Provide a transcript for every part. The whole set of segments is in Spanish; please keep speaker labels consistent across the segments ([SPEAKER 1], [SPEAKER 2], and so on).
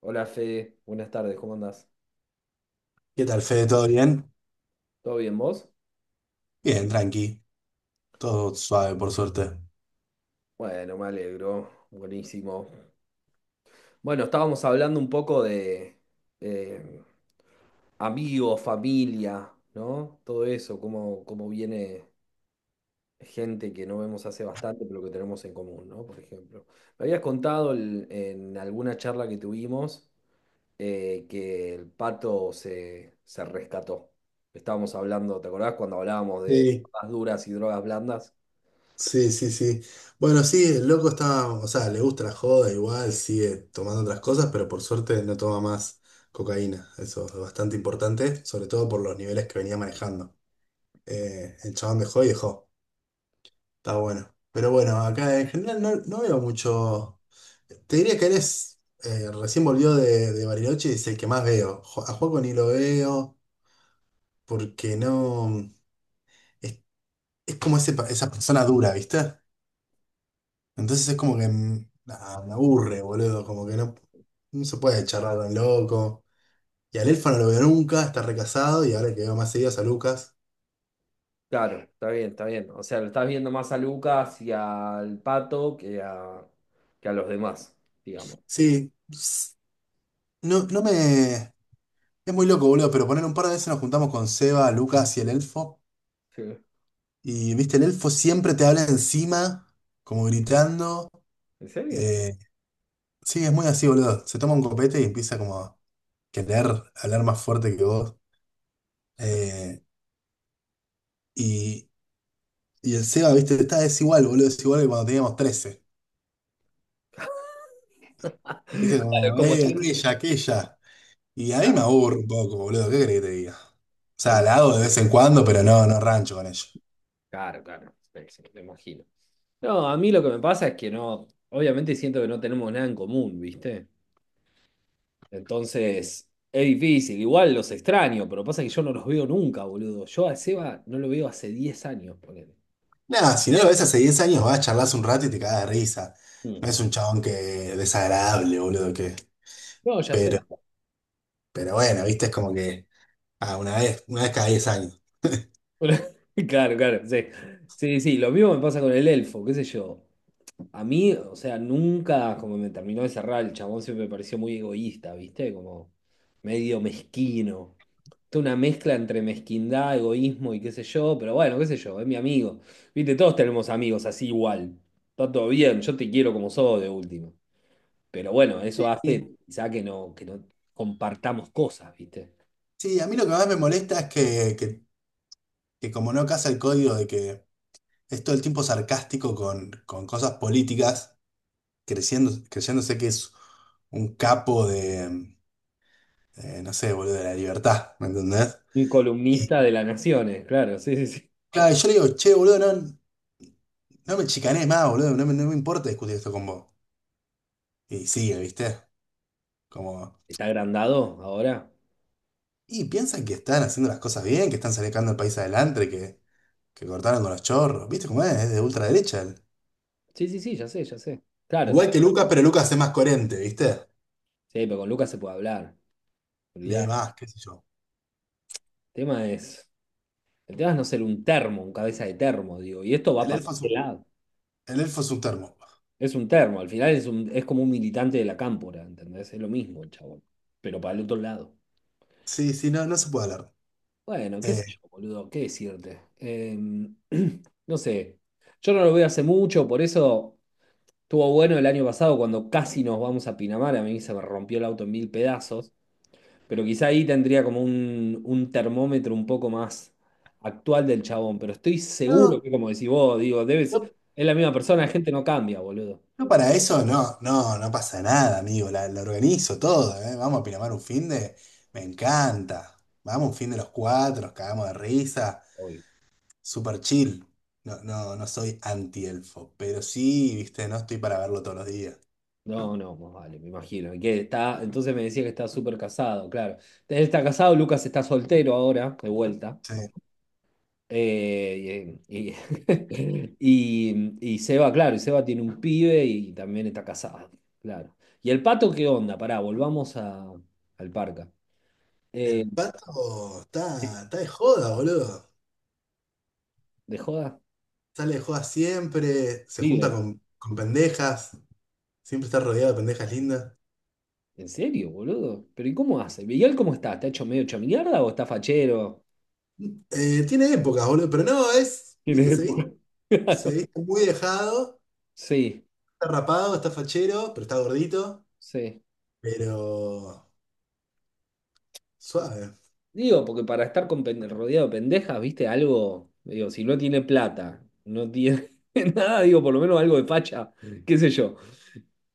[SPEAKER 1] Hola Fede, buenas tardes, ¿cómo andás?
[SPEAKER 2] ¿Qué tal, Fede? ¿Todo bien?
[SPEAKER 1] ¿Todo bien vos?
[SPEAKER 2] Bien, tranqui. Todo suave, por suerte.
[SPEAKER 1] Bueno, me alegro, buenísimo. Bueno, estábamos hablando un poco de, eh, amigos, familia, ¿no? Todo eso, cómo viene gente que no vemos hace bastante, pero que tenemos en común, ¿no? Por ejemplo. Me habías contado en alguna charla que tuvimos que el pato se rescató. Estábamos hablando, ¿te acordás cuando hablábamos de
[SPEAKER 2] Sí,
[SPEAKER 1] drogas duras y drogas blandas?
[SPEAKER 2] sí, sí, sí. Bueno, sí, el loco está, o sea, le gusta la joda, igual sigue tomando otras cosas, pero por suerte no toma más cocaína. Eso es bastante importante, sobre todo por los niveles que venía manejando. El chabón dejó y dejó. Está bueno. Pero bueno, acá en general no, no veo mucho. Te diría que eres, recién volvió de, Bariloche y es el que más veo. A Juaco ni lo veo porque no. Es como ese, esa persona dura, ¿viste? Entonces es como que nada, me aburre, boludo, como que no, no se puede charlar tan loco. Y al Elfa no lo veo nunca, está recasado y ahora que veo más seguidas a Lucas.
[SPEAKER 1] Claro, está bien, está bien. O sea, lo estás viendo más a Lucas y al Pato que a los demás, digamos.
[SPEAKER 2] Sí, no, no me... Es muy loco, boludo, pero poner un par de veces nos juntamos con Seba, Lucas y el Elfo.
[SPEAKER 1] Sí.
[SPEAKER 2] Y, viste, el Elfo siempre te habla encima, como gritando.
[SPEAKER 1] ¿En serio?
[SPEAKER 2] eh, sí, es muy así, boludo. Se toma un copete y empieza como a querer hablar más fuerte que vos.
[SPEAKER 1] Sí.
[SPEAKER 2] Eh, y, Y el Seba, viste, está desigual, boludo, desigual que cuando teníamos 13. Viste,
[SPEAKER 1] Claro,
[SPEAKER 2] como,
[SPEAKER 1] como siempre.
[SPEAKER 2] aquella, aquella. Y ahí
[SPEAKER 1] Ah,
[SPEAKER 2] me aburro un poco, boludo, ¿qué querés que te diga? O sea,
[SPEAKER 1] sí.
[SPEAKER 2] la hago de vez en cuando, pero no, no rancho con ello.
[SPEAKER 1] Claro, claro, sí, sí, me imagino. No, a mí lo que me pasa es que no, obviamente siento que no tenemos nada en común, ¿viste? Entonces, es difícil. Igual los extraño, pero pasa que yo no los veo nunca, boludo. Yo a Seba no lo veo hace 10 años, ponele.
[SPEAKER 2] Nada, si no lo ves hace 10 años, vas a charlas un rato y te cagas de risa.
[SPEAKER 1] Mm.
[SPEAKER 2] No es un chabón que desagradable, boludo, que.
[SPEAKER 1] No, ya sé.
[SPEAKER 2] Pero, pero bueno, viste, es como que. Ah, una vez cada 10 años.
[SPEAKER 1] Claro, claro, sí. Sí, sí, lo mismo me pasa con el elfo, qué sé yo. A mí, o sea, nunca, como me terminó de cerrar, el chabón siempre me pareció muy egoísta, ¿viste? Como medio mezquino. Toda una mezcla entre mezquindad, egoísmo y qué sé yo, pero bueno, qué sé yo, es mi amigo. Viste, todos tenemos amigos así igual. Está todo bien, yo te quiero como sos de último. Pero bueno, eso
[SPEAKER 2] Sí,
[SPEAKER 1] hace
[SPEAKER 2] sí.
[SPEAKER 1] quizá que no, compartamos cosas, ¿viste?
[SPEAKER 2] Sí, a mí lo que más me molesta es que como no casa el código de que es todo el tiempo sarcástico con, cosas políticas. Creciendo, creyéndose que es un capo de, no sé, boludo, de la libertad, ¿me entendés?
[SPEAKER 1] Un
[SPEAKER 2] Y
[SPEAKER 1] columnista de las naciones, claro, sí, sí, sí.
[SPEAKER 2] claro, yo le digo, che, boludo, no, no me chicanes más, boludo, no me, no me importa discutir esto con vos. Y sigue, ¿viste? Como,
[SPEAKER 1] ¿Está agrandado ahora?
[SPEAKER 2] y piensan que están haciendo las cosas bien, que están sacando el país adelante, que cortaron con los chorros, ¿viste cómo es? Es de ultraderecha él.
[SPEAKER 1] Sí, sí, sí, ya sé, ya sé. Claro, está
[SPEAKER 2] Igual
[SPEAKER 1] bien.
[SPEAKER 2] que Lucas, pero Lucas es más coherente, ¿viste?
[SPEAKER 1] Sí, pero con Lucas se puede hablar. Olvidar.
[SPEAKER 2] Lee
[SPEAKER 1] El
[SPEAKER 2] más, qué sé yo.
[SPEAKER 1] tema es. El tema es no ser un termo, un cabeza de termo, digo. Y esto va
[SPEAKER 2] El
[SPEAKER 1] para
[SPEAKER 2] elfo es
[SPEAKER 1] qué
[SPEAKER 2] un,
[SPEAKER 1] lado.
[SPEAKER 2] el elfo es un termo.
[SPEAKER 1] Es un termo. Al final es como un militante de la Cámpora, ¿entendés? Es lo mismo, el chabón. Pero para el otro lado.
[SPEAKER 2] Sí, sí, no, no se puede hablar.
[SPEAKER 1] Bueno, qué sé
[SPEAKER 2] Eh,
[SPEAKER 1] yo, boludo, qué decirte. No sé. Yo no lo veo hace mucho, por eso estuvo bueno el año pasado cuando casi nos vamos a Pinamar. A mí se me rompió el auto en mil pedazos. Pero quizá ahí tendría como un termómetro un poco más actual del chabón. Pero estoy seguro
[SPEAKER 2] no,
[SPEAKER 1] que, como decís vos, digo, debes,
[SPEAKER 2] no,
[SPEAKER 1] es la misma persona, la gente no cambia, boludo.
[SPEAKER 2] no, para eso no, no, no pasa nada, amigo. La organizo todo, ¿eh? Vamos a Pinamar un fin de. Me encanta. Vamos un fin de los cuatro, nos cagamos de risa.
[SPEAKER 1] Obvio.
[SPEAKER 2] Super chill. No, no, no soy anti-elfo, pero sí, viste, no estoy para verlo todos los días.
[SPEAKER 1] No, no, más vale, me imagino. Y que está, entonces me decía que está súper casado, claro. Él está casado, Lucas está soltero ahora, de vuelta,
[SPEAKER 2] Sí.
[SPEAKER 1] ¿no? Eh, y, y, y Seba, claro, y Seba tiene un pibe y también está casado, claro. ¿Y el pato qué onda? Pará, volvamos al Parca. Eh,
[SPEAKER 2] El pato está de joda, boludo.
[SPEAKER 1] ¿De joda?
[SPEAKER 2] Sale de joda siempre, se junta
[SPEAKER 1] Vive.
[SPEAKER 2] con pendejas, siempre está rodeado de pendejas lindas.
[SPEAKER 1] ¿En serio, boludo? ¿Pero y cómo hace? ¿Miguel cómo está? ¿Está hecho medio hecho mierda o está fachero?
[SPEAKER 2] Tiene épocas, boludo, pero no, es,
[SPEAKER 1] Tiene
[SPEAKER 2] viste,
[SPEAKER 1] época.
[SPEAKER 2] se viste muy dejado.
[SPEAKER 1] Sí,
[SPEAKER 2] Está rapado, está fachero, pero está gordito,
[SPEAKER 1] sí.
[SPEAKER 2] pero suave.
[SPEAKER 1] Digo, porque para estar con rodeado de pendejas, viste, algo, digo, si no tiene plata, no tiene nada, digo, por lo menos algo de facha, qué sé yo.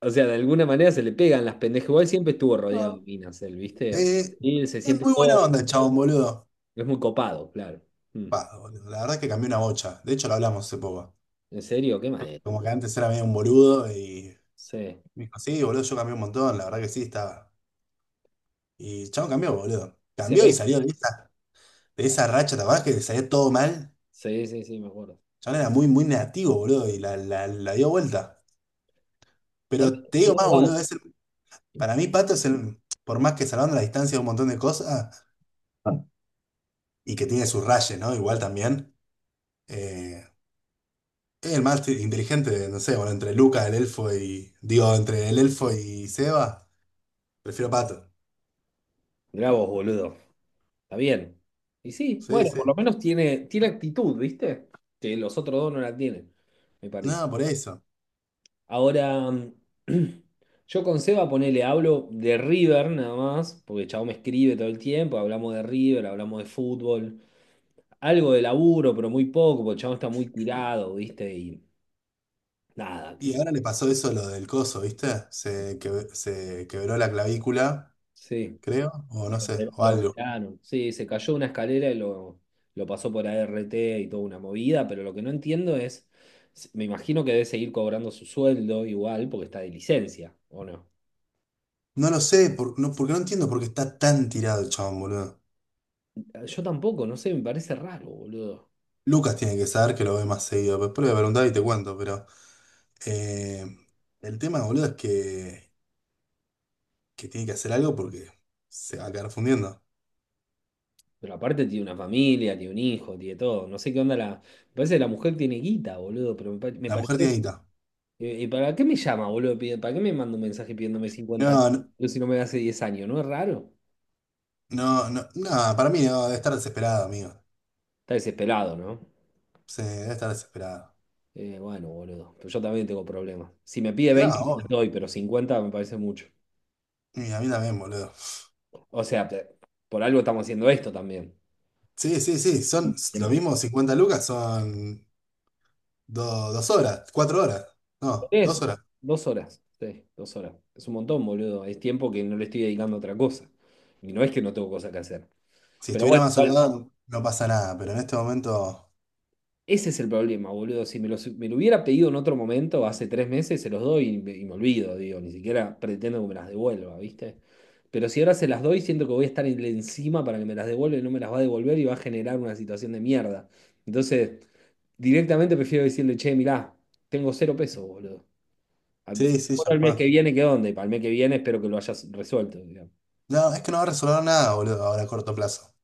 [SPEAKER 1] O sea, de alguna manera se le pegan las pendejas. Igual siempre estuvo rodeado de
[SPEAKER 2] No,
[SPEAKER 1] minas, él, ¿viste? O sea,
[SPEAKER 2] eh,
[SPEAKER 1] y él se
[SPEAKER 2] es
[SPEAKER 1] siente
[SPEAKER 2] muy buena
[SPEAKER 1] todo,
[SPEAKER 2] onda el chabón, boludo.
[SPEAKER 1] es muy copado, claro. Mm.
[SPEAKER 2] Va, boludo, la verdad es que cambió una bocha. De hecho, lo hablamos hace poco.
[SPEAKER 1] ¿En serio? ¿Qué manera?
[SPEAKER 2] Como que antes era medio un boludo y
[SPEAKER 1] Sí.
[SPEAKER 2] me dijo, sí, boludo, yo cambié un montón. La verdad que sí, estaba. Y el chabón cambió, boludo.
[SPEAKER 1] Se
[SPEAKER 2] Cambió y
[SPEAKER 1] ve.
[SPEAKER 2] salió de esa, racha, ¿te acordás que le salía todo mal? El
[SPEAKER 1] Sí, sí, sí, me acuerdo.
[SPEAKER 2] chabón
[SPEAKER 1] Sí.
[SPEAKER 2] era muy, muy negativo, boludo, y la dio vuelta.
[SPEAKER 1] También,
[SPEAKER 2] Pero te digo
[SPEAKER 1] no,
[SPEAKER 2] más,
[SPEAKER 1] vale.
[SPEAKER 2] boludo, para mí Pato es el, por más que salvando la distancia de un montón de cosas. Y que tiene sus rayes, ¿no? Igual también. Eh, es el más inteligente, no sé, bueno, entre Luca, el elfo y. Digo, entre el elfo y Seba, prefiero Pato.
[SPEAKER 1] Mirá vos, boludo. Está bien. Y sí,
[SPEAKER 2] Sí,
[SPEAKER 1] bueno, por lo
[SPEAKER 2] sí.
[SPEAKER 1] menos tiene, actitud, ¿viste? Que los otros dos no la tienen, me parece.
[SPEAKER 2] No, por eso.
[SPEAKER 1] Ahora, yo con Seba ponele, hablo de River nada más, porque el chabón me escribe todo el tiempo, hablamos de River, hablamos de fútbol, algo de laburo, pero muy poco, porque el chabón está muy tirado, ¿viste? Y nada, qué
[SPEAKER 2] Y
[SPEAKER 1] sé
[SPEAKER 2] ahora
[SPEAKER 1] yo.
[SPEAKER 2] le pasó eso lo del coso, ¿viste? Se quebró la clavícula,
[SPEAKER 1] Sí.
[SPEAKER 2] creo, o no
[SPEAKER 1] Y
[SPEAKER 2] sé,
[SPEAKER 1] Lo
[SPEAKER 2] o
[SPEAKER 1] lo
[SPEAKER 2] algo.
[SPEAKER 1] operaron. Sí, se cayó una escalera y lo pasó por ART y toda una movida, pero lo que no entiendo es, me imagino que debe seguir cobrando su sueldo igual porque está de licencia, ¿o no?
[SPEAKER 2] No lo sé, no, porque no entiendo por qué está tan tirado el chabón, boludo.
[SPEAKER 1] Ah, yo tampoco, no sé, me parece raro, boludo.
[SPEAKER 2] Lucas tiene que saber que lo ve más seguido. Después le voy a preguntar y te cuento, pero. Eh, el tema, boludo, es que tiene que hacer algo porque se va a quedar fundiendo.
[SPEAKER 1] Pero aparte tiene una familia, tiene un hijo, tiene todo. No sé qué onda la. Me parece que la mujer tiene guita, boludo, pero me
[SPEAKER 2] La mujer tiene
[SPEAKER 1] pareció.
[SPEAKER 2] guita.
[SPEAKER 1] ¿Y para qué me llama, boludo? ¿Para qué me manda un mensaje pidiéndome 50
[SPEAKER 2] No, no,
[SPEAKER 1] lucas si no me da hace 10 años? ¿No es raro?
[SPEAKER 2] no, no, no, para mí no, debe estar desesperada, amigo.
[SPEAKER 1] Está desesperado, ¿no?
[SPEAKER 2] Sí, debe estar desesperada.
[SPEAKER 1] Bueno, boludo, pero yo también tengo problemas. Si me pide
[SPEAKER 2] No,
[SPEAKER 1] 20 te
[SPEAKER 2] obvio.
[SPEAKER 1] doy, pero 50 me parece mucho.
[SPEAKER 2] Y a mí también, boludo.
[SPEAKER 1] O sea, por algo estamos haciendo esto también.
[SPEAKER 2] Sí, sí, sí, son lo
[SPEAKER 1] Entiendo.
[SPEAKER 2] mismo, 50 lucas son 2 horas, 4 horas. No, dos
[SPEAKER 1] Es
[SPEAKER 2] horas.
[SPEAKER 1] 2 horas, sí, 2 horas. Es un montón, boludo. Es tiempo que no le estoy dedicando a otra cosa. Y no es que no tengo cosas que hacer.
[SPEAKER 2] Si
[SPEAKER 1] Pero
[SPEAKER 2] estuviera
[SPEAKER 1] bueno,
[SPEAKER 2] más
[SPEAKER 1] igual,
[SPEAKER 2] holgado, no pasa nada, pero en este momento.
[SPEAKER 1] ese es el problema, boludo. Si me lo hubiera pedido en otro momento, hace 3 meses, se los doy y me olvido, digo. Ni siquiera pretendo que me las devuelva, ¿viste? Pero si ahora se las doy, siento que voy a estar encima para que me las devuelva y no me las va a devolver y va a generar una situación de mierda. Entonces, directamente prefiero decirle, che, mirá, tengo 0 pesos, boludo.
[SPEAKER 2] Sí, sí,
[SPEAKER 1] Bueno,
[SPEAKER 2] ya
[SPEAKER 1] el
[SPEAKER 2] fue.
[SPEAKER 1] mes que viene, ¿qué onda? Y para el mes que viene espero que lo hayas resuelto, digamos.
[SPEAKER 2] No, es que no va a resolver nada, boludo, ahora a corto plazo.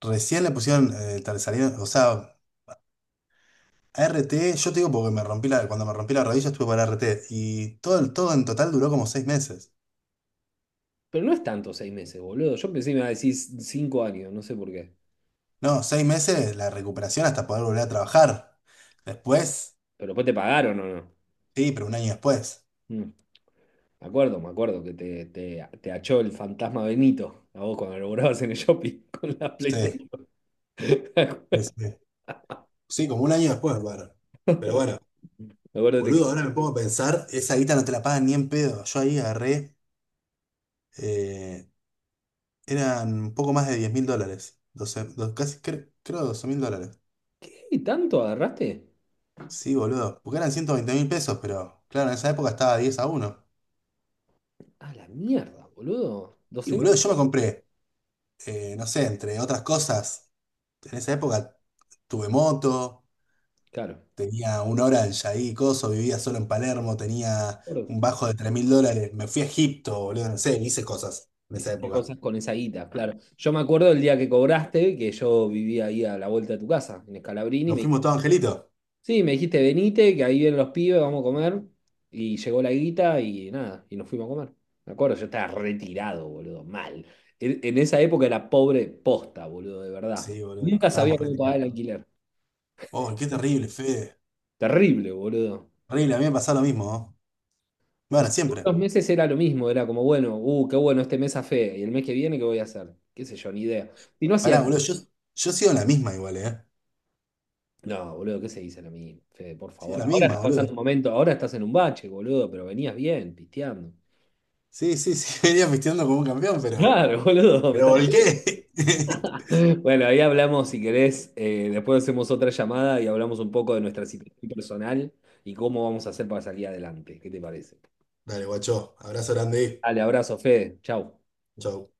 [SPEAKER 2] Recién le pusieron, salieron, o sea, ART. Yo te digo porque cuando me rompí la rodilla estuve para ART y todo, todo en total duró como 6 meses.
[SPEAKER 1] Pero no es tanto 6 meses, boludo. Yo pensé que me iba a decir 5 años, no sé por qué.
[SPEAKER 2] No, 6 meses la recuperación hasta poder volver a trabajar. Después,
[SPEAKER 1] Pero después te pagaron o no.
[SPEAKER 2] sí, pero un año después.
[SPEAKER 1] Mm. Me acuerdo que te achó el fantasma Benito a vos cuando laburabas en el shopping con la
[SPEAKER 2] Sí,
[SPEAKER 1] PlayStation.
[SPEAKER 2] sí, sí. Sí, como un año después, bueno. Pero bueno,
[SPEAKER 1] Me acuerdo que te.
[SPEAKER 2] boludo, ahora me pongo a pensar, esa guita no te la pagan ni en pedo. Yo ahí agarré, eh, eran un poco más de 10.000 dólares. Doce, casi creo 12 mil dólares.
[SPEAKER 1] ¿Qué tanto agarraste?
[SPEAKER 2] Sí, boludo, porque eran 120.000 pesos, pero claro, en esa época estaba 10 a 1.
[SPEAKER 1] A la mierda, boludo.
[SPEAKER 2] Y
[SPEAKER 1] doce
[SPEAKER 2] boludo,
[SPEAKER 1] mil?
[SPEAKER 2] yo me compré, no sé, entre otras cosas, en esa época tuve moto,
[SPEAKER 1] Claro.
[SPEAKER 2] tenía un Orange ahí, coso, vivía solo en Palermo,
[SPEAKER 1] Me
[SPEAKER 2] tenía
[SPEAKER 1] acuerdo.
[SPEAKER 2] un bajo de 3.000 dólares, me fui a Egipto, boludo, no sé, hice cosas en esa
[SPEAKER 1] Hiciste
[SPEAKER 2] época.
[SPEAKER 1] cosas con esa guita, claro. Yo me acuerdo el día que cobraste, que yo vivía ahí a la vuelta de tu casa, en Escalabrini, y
[SPEAKER 2] ¿Nos
[SPEAKER 1] me.
[SPEAKER 2] fuimos todos, Angelito?
[SPEAKER 1] Sí, me dijiste, venite, que ahí vienen los pibes, vamos a comer. Y llegó la guita y nada, y nos fuimos a comer. Me acuerdo, yo estaba retirado, boludo, mal. En esa época era pobre posta, boludo, de verdad.
[SPEAKER 2] Sí, boludo,
[SPEAKER 1] Nunca sabía
[SPEAKER 2] estábamos
[SPEAKER 1] cómo pagar el
[SPEAKER 2] retirados.
[SPEAKER 1] alquiler.
[SPEAKER 2] Oh, qué terrible, Fede.
[SPEAKER 1] Terrible, boludo.
[SPEAKER 2] Terrible, a mí me pasó lo mismo, ¿no?
[SPEAKER 1] O
[SPEAKER 2] Bueno,
[SPEAKER 1] sea, todos
[SPEAKER 2] siempre.
[SPEAKER 1] los meses era lo mismo, era como, bueno, qué bueno, este mes a fe, y el mes que viene, ¿qué voy a hacer? Qué sé yo, ni idea. Y no hacía
[SPEAKER 2] Pará,
[SPEAKER 1] nada.
[SPEAKER 2] boludo, yo sigo en la misma igual, ¿eh?
[SPEAKER 1] No, boludo, ¿qué se dice a mí, Fede, por
[SPEAKER 2] Sigo en
[SPEAKER 1] favor?
[SPEAKER 2] la
[SPEAKER 1] Ahora estás
[SPEAKER 2] misma,
[SPEAKER 1] pasando
[SPEAKER 2] boludo.
[SPEAKER 1] un momento, ahora estás en un bache, boludo, pero venías bien, pisteando.
[SPEAKER 2] Sí, sí, sí, venía pisteando como un campeón, pero...
[SPEAKER 1] Claro, boludo, me
[SPEAKER 2] Pero
[SPEAKER 1] estás.
[SPEAKER 2] volqué.
[SPEAKER 1] Bueno, ahí hablamos, si querés, después hacemos otra llamada y hablamos un poco de nuestra situación personal y cómo vamos a hacer para salir adelante. ¿Qué te parece?
[SPEAKER 2] Dale, guacho. Abrazo grande.
[SPEAKER 1] Dale, abrazo, Fede. Chau.
[SPEAKER 2] Chau.